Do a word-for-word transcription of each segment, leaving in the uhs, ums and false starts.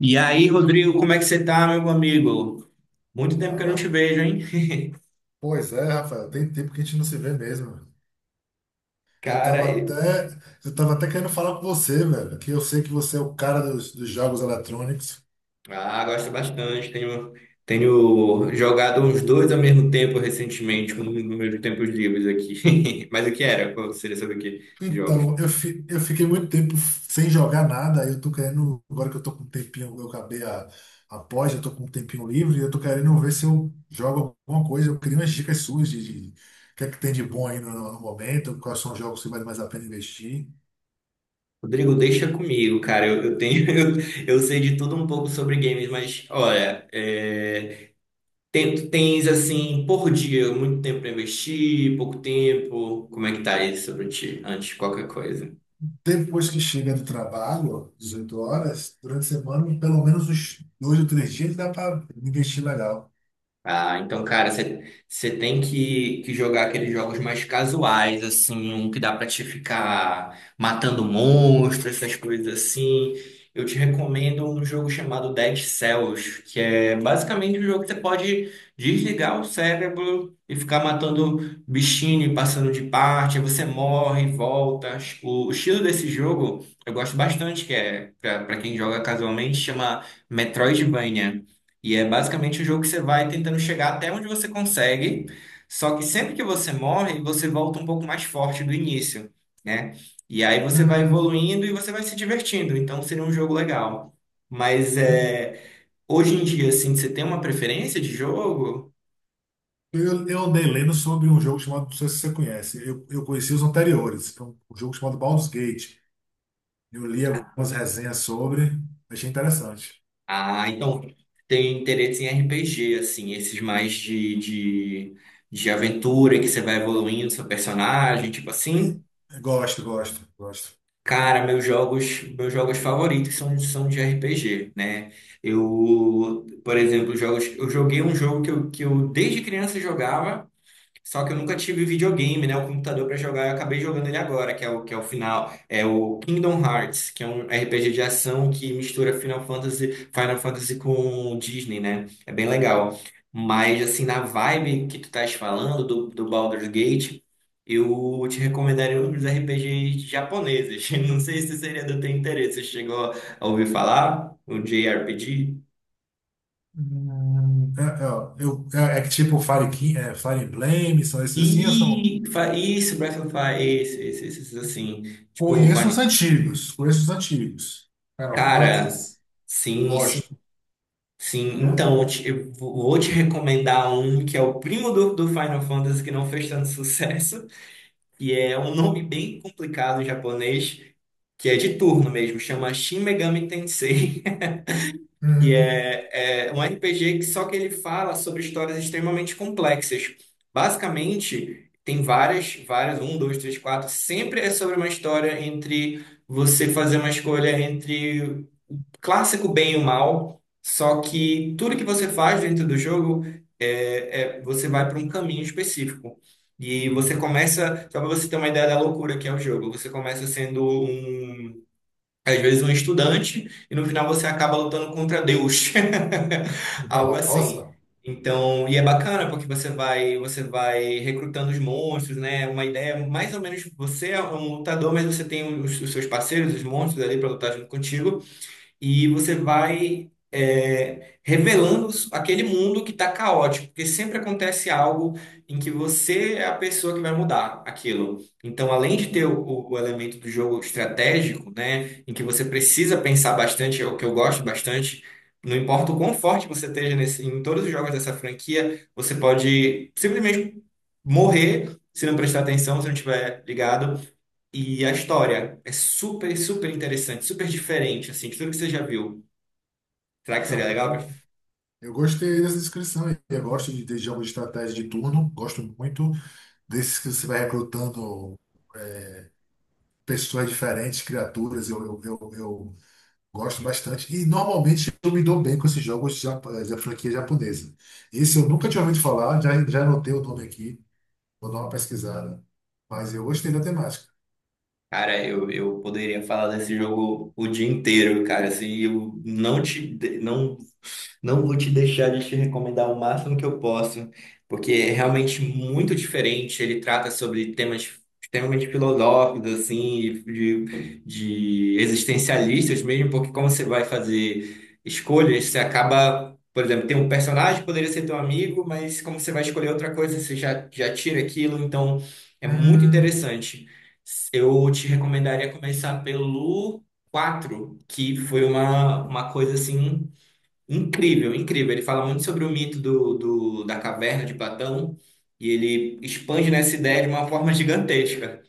E aí, Rodrigo, como é que você tá, meu amigo? Muito tempo que eu não te Fala. vejo, hein? Pois é, Rafael, tem tempo que a gente não se vê mesmo, velho. Eu Cara, tava e- até, eu tava até querendo falar com você, velho, que eu sei que você é o cara dos, dos jogos eletrônicos. ah, gosto bastante. Tenho, tenho jogado os dois ao mesmo tempo recentemente, com nos meus tempos livres aqui. Mas o que era? Qual seria sobre o que? Jogos. Então, eu, fi, eu fiquei muito tempo sem jogar nada, aí eu tô querendo, agora que eu tô com um tempinho, eu acabei a, a pós, eu tô com um tempinho livre, eu tô querendo ver se eu jogo alguma coisa, eu queria umas dicas suas de, de o que é que tem de bom aí no, no momento, quais são os jogos que vale mais a pena investir. Rodrigo, deixa comigo, cara. Eu, eu tenho, eu, eu sei de tudo um pouco sobre games, mas olha, é, tem- tu tens assim por dia muito tempo pra investir, pouco tempo. Como é que tá isso sobre ti? Antes de qualquer coisa. Depois que chega do trabalho, dezoito horas, durante a semana, pelo menos uns dois ou três dias dá para investir legal. Ah, então, cara, você tem que, que jogar aqueles jogos mais casuais, assim, um que dá pra te ficar matando monstros, essas coisas assim. Eu te recomendo um jogo chamado Dead Cells, que é basicamente um jogo que você pode desligar o cérebro e ficar matando bichinho, e passando de parte, aí você morre, volta. O, o estilo desse jogo eu gosto bastante, que é, pra, pra quem joga casualmente, chama Metroidvania. E é basicamente o jogo que você vai tentando chegar até onde você consegue, só que sempre que você morre, você volta um pouco mais forte do início, né? E aí você vai Hum, evoluindo e você vai se divertindo, então seria um jogo legal. Mas é, hoje em dia, assim, você tem uma preferência de jogo? eu, eu andei lendo sobre um jogo chamado, não sei se você conhece, eu, eu conheci os anteriores, que é um, um jogo chamado Baldur's Gate. Eu li algumas resenhas sobre, achei interessante. Ah, então tem interesse em R P G, assim, esses mais de, de, de aventura que você vai evoluindo seu personagem, tipo assim. E- Gosto, gosto, gosto. Cara, meus jogos, meus jogos favoritos são, são de R P G, né? Eu, por exemplo, jogos, eu joguei um jogo que eu, que eu desde criança jogava só que eu nunca tive videogame, né? O computador pra jogar, eu acabei jogando ele agora, que é o, que é o final. É o Kingdom Hearts, que é um R P G de ação que mistura Final Fantasy, Final Fantasy com Disney, né? É bem legal. Mas, assim, na vibe que tu estás falando do, do Baldur's Gate, eu te recomendaria um dos R P Gs japoneses. Não sei se seria do teu interesse. Você chegou a ouvir falar? O J R P G? Hum, é, é, eu, é, é que tipo Fire, Ki- é, Fire Emblem, são esses assim, eu são, E fa- isso, Breath of Fire, esse, esse, esse, assim. Tipo, o conheço os Final antigos, conheço os antigos. Final Cara, Fantasy. sim, sim, Gosto. sim. Então, eu te- eu vou te recomendar um que é o primo do, do Final Fantasy que não fez tanto sucesso, e é um nome bem complicado em japonês, que é de turno mesmo, chama Shin Megami Tensei, que Uhum. é, é um R P G que só que ele fala sobre histórias extremamente complexas. Basicamente, tem várias, várias, um, dois, três, quatro, sempre é sobre uma história entre você fazer uma escolha entre clássico bem e o mal, só que tudo que você faz dentro do jogo é, é- você vai para um caminho específico. E você Uhum. começa, só para você ter uma ideia da loucura que é o jogo, você começa sendo um, às vezes um estudante e no final você acaba lutando contra Deus. Algo assim. Nossa. Então, e é bacana porque você vai, você vai recrutando os monstros, né? Uma ideia, mais ou menos, você é um lutador, mas você tem os, os seus parceiros, os monstros ali para lutar junto contigo e você vai é, revelando aquele mundo que está caótico, porque sempre acontece algo em que você é a pessoa que vai mudar aquilo. Então, além de ter o, o elemento do jogo estratégico, né, em que você precisa pensar bastante, é o que eu gosto bastante. Não importa o quão forte você esteja nesse, em todos os jogos dessa franquia, você pode simplesmente morrer se não prestar atenção, se não estiver ligado. E a história é super, super interessante, super diferente, assim, de tudo que você já viu. Será que seria Então, legal, eu, cara? eu gostei dessa descrição aí. Eu gosto de, de jogos de estratégia de turno. Gosto muito desses que você vai recrutando pessoas diferentes, criaturas. Eu, eu, eu, eu gosto bastante. E normalmente eu me dou bem com esses jogos de, jap- da franquia japonesa. Esse eu nunca tinha ouvido falar, já, já anotei o nome aqui. Vou dar uma pesquisada. Mas eu gostei da temática. Cara, eu, eu poderia falar desse jogo o dia inteiro, cara, assim, eu não te, não Não vou te deixar de te recomendar o máximo que eu posso, porque é realmente muito diferente. Ele trata sobre temas extremamente filosóficos, assim, de, de existencialistas mesmo, porque como você vai fazer escolhas, você acaba, por exemplo, tem um personagem que poderia ser teu amigo, mas como você vai escolher outra coisa, você já, já tira aquilo, então é muito Hum. interessante. Eu te recomendaria começar pelo quatro, que foi uma, uma coisa assim incrível, incrível. Ele fala muito sobre o mito do, do- da caverna de Platão e ele expande nessa ideia de uma forma gigantesca,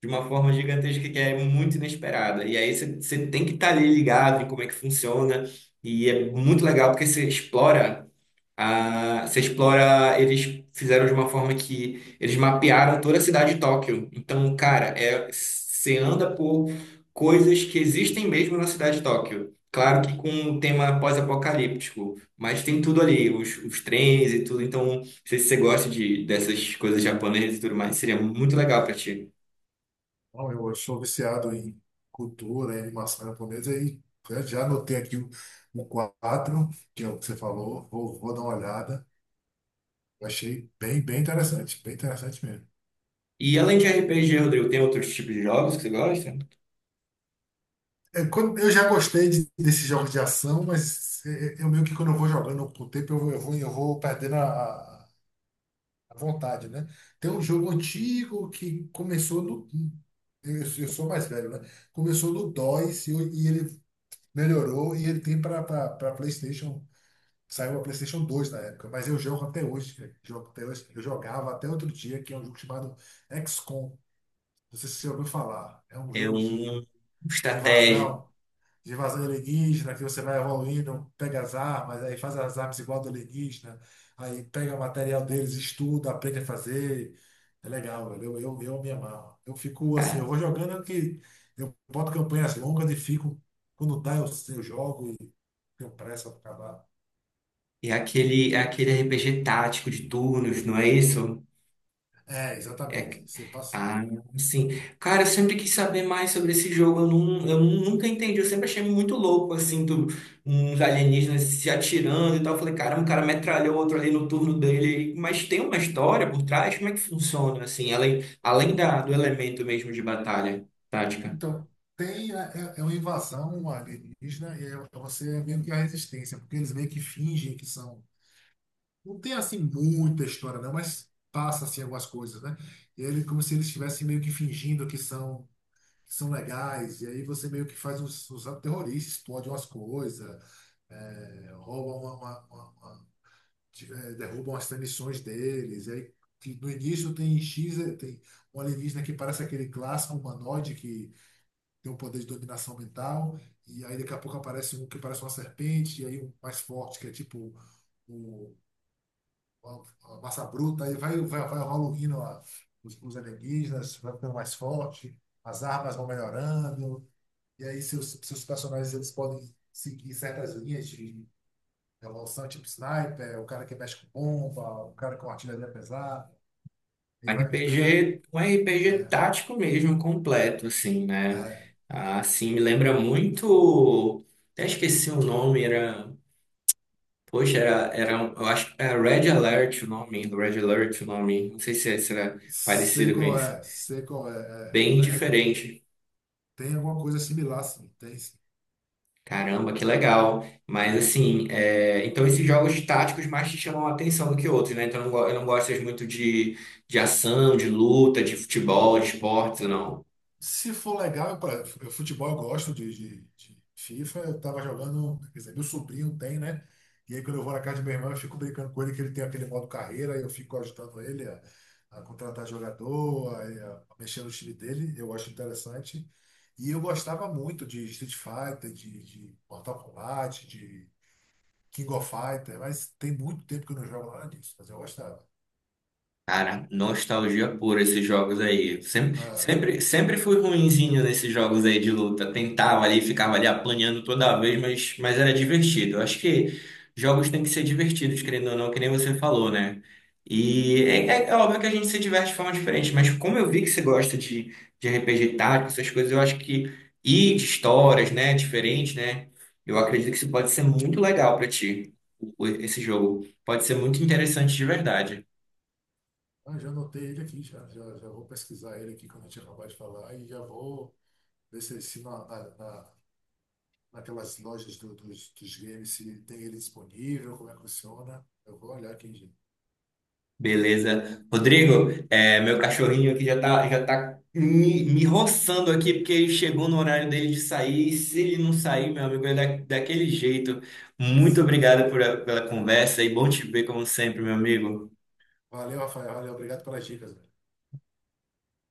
de uma forma gigantesca que é muito inesperada. E aí você você tem que estar ali ligado em como é que funciona e é muito legal porque você explora. Ah, você explora. Eles fizeram de uma forma que eles mapearam toda a cidade de Tóquio. Então, cara, é, você anda por coisas que existem mesmo na cidade de Tóquio. Claro que com um tema pós-apocalíptico, mas tem tudo ali, os, os trens e tudo. Então, não sei se você gosta de, dessas coisas japonesas e tudo mais, seria muito legal pra ti. Bom, eu sou viciado em cultura, em animação japonesa e já já anotei aqui o, o quatro, que é o que você falou, vou, vou dar uma olhada. Eu achei bem, bem interessante, bem interessante mesmo. E além de R P G, Rodrigo, tem outros tipos de jogos que você gosta? É, quando- eu já gostei de- desses jogos de ação, mas é, é, eu meio que quando eu vou jogando com o tempo, eu vou, eu vou, eu vou perdendo a, a a vontade, né? Tem um jogo antigo que começou no. Eu, eu sou mais velho, né? Começou no dois e, eu- e ele melhorou e ele tem para PlayStation. Saiu a PlayStation dois na época, mas eu jogo até hoje, cara. Jogo até hoje. Eu jogava até outro dia, que é um jogo chamado X COM. Não sei se você ouviu falar. É um É jogo de, um de estratégia. invasão, de invasão alienígena, que você vai evoluindo, pega as armas, aí faz as armas igual do alienígena, aí pega o material deles, estuda, aprende a fazer. É legal, velho. Eu, eu, eu me amarro. Eu fico assim, eu vou jogando que eu boto campanhas longas e fico. Quando dá, eu, eu jogo e tenho pressa para acabar. E é aquele, é aquele R P G tático de turnos, não é isso? É, É, exatamente, você passa. ah, sim. Cara, eu sempre quis saber mais sobre esse jogo. Eu, não, eu nunca entendi. Eu sempre achei muito louco, assim, do, uns alienígenas se atirando e tal. Eu falei, caramba, o cara metralhou outro ali no turno dele. Mas tem uma história por trás? Como é que funciona, assim? Além, além da, do elemento mesmo de batalha tática. Então, tem, né, é, é uma invasão alienígena e é, é você é meio que a resistência, porque eles meio que fingem que são. Não tem assim muita história, não, mas passa assim algumas coisas, né? E ele, como se eles estivessem meio que fingindo que são, que são legais, e aí você meio que faz uns, uns atos terroristas, explode umas coisas, é, rouba uma, uma- uma- uma- de- é, derrubam as transmissões deles, e aí. Que no início tem X, eh, tem um alienígena que parece aquele clássico humanoide que tem um poder de dominação mental, e aí daqui a pouco aparece um que parece uma serpente, e aí um mais forte, que é tipo o, a, a massa bruta, aí vai, vai, vai evoluindo a- os, os alienígenas, vai ficando mais forte, as armas vão melhorando, e aí seus, seus personagens eles podem seguir certas linhas de evolução, tipo sniper, o cara que mexe com bomba, o cara com artilharia pesada, e vai ganha. R P G, um R P G É, tático mesmo, completo, assim, né? é. Ah, assim, me lembra muito. Até esqueci o nome, era. Poxa, era, era, um- eu acho que era Red Alert o nome, Red Alert o nome, não sei se esse era Sei parecido com qual esse. é, sei qual é. Bem É. É, diferente. tem alguma coisa similar, sim. Tem, sim. Caramba, que legal. Mas assim, é, então esses jogos táticos mais te chamam a atenção do que outros, né? Então eu não, go- eu não gosto muito de, de ação, de luta, de futebol, de esportes, não. Se for legal, eu, pra- eu- futebol eu gosto de, de- de FIFA. Eu tava jogando, quer dizer, meu sobrinho tem, né? E aí quando eu vou na casa de meu irmão, eu fico brincando com ele que ele tem aquele modo carreira, e eu fico ajudando ele a, a contratar jogador, a, a mexer no time dele. Eu acho interessante. E eu gostava muito de Street Fighter, de, de Mortal Kombat, de King of Fighter, mas tem muito tempo que eu não jogo nada disso, mas eu gostava. Cara, nostalgia pura esses jogos aí. Sempre, Ah. Sempre, sempre fui ruinzinho nesses jogos aí de luta. Tentava ali, ficava ali apanhando toda vez, mas, mas era divertido. Eu acho que jogos têm que ser divertidos, querendo ou não, que nem você falou, né? E é, é- é óbvio que a gente se diverte de forma diferente, mas como eu vi que você gosta de, de R P G tático, essas coisas, eu acho que e de histórias, né, diferente, né? Eu acredito que isso pode ser muito legal pra ti, o- esse jogo. Pode ser muito interessante de verdade. Ah, já anotei ele aqui, já, já, já vou pesquisar ele aqui quando a gente acabar de falar e já vou ver se, se na, na, na- naquelas lojas do- dos, dos games se tem ele disponível, como é que funciona. Eu vou olhar aqui, gente. Beleza. Rodrigo, é, meu cachorrinho aqui já tá, já tá me, me roçando aqui, porque ele chegou no horário dele de sair. E se ele não sair, meu amigo, é da, daquele jeito. Muito obrigado por a- pela conversa e bom te ver, como sempre, meu amigo. Valeu, Rafael. Valeu, obrigado pelas dicas.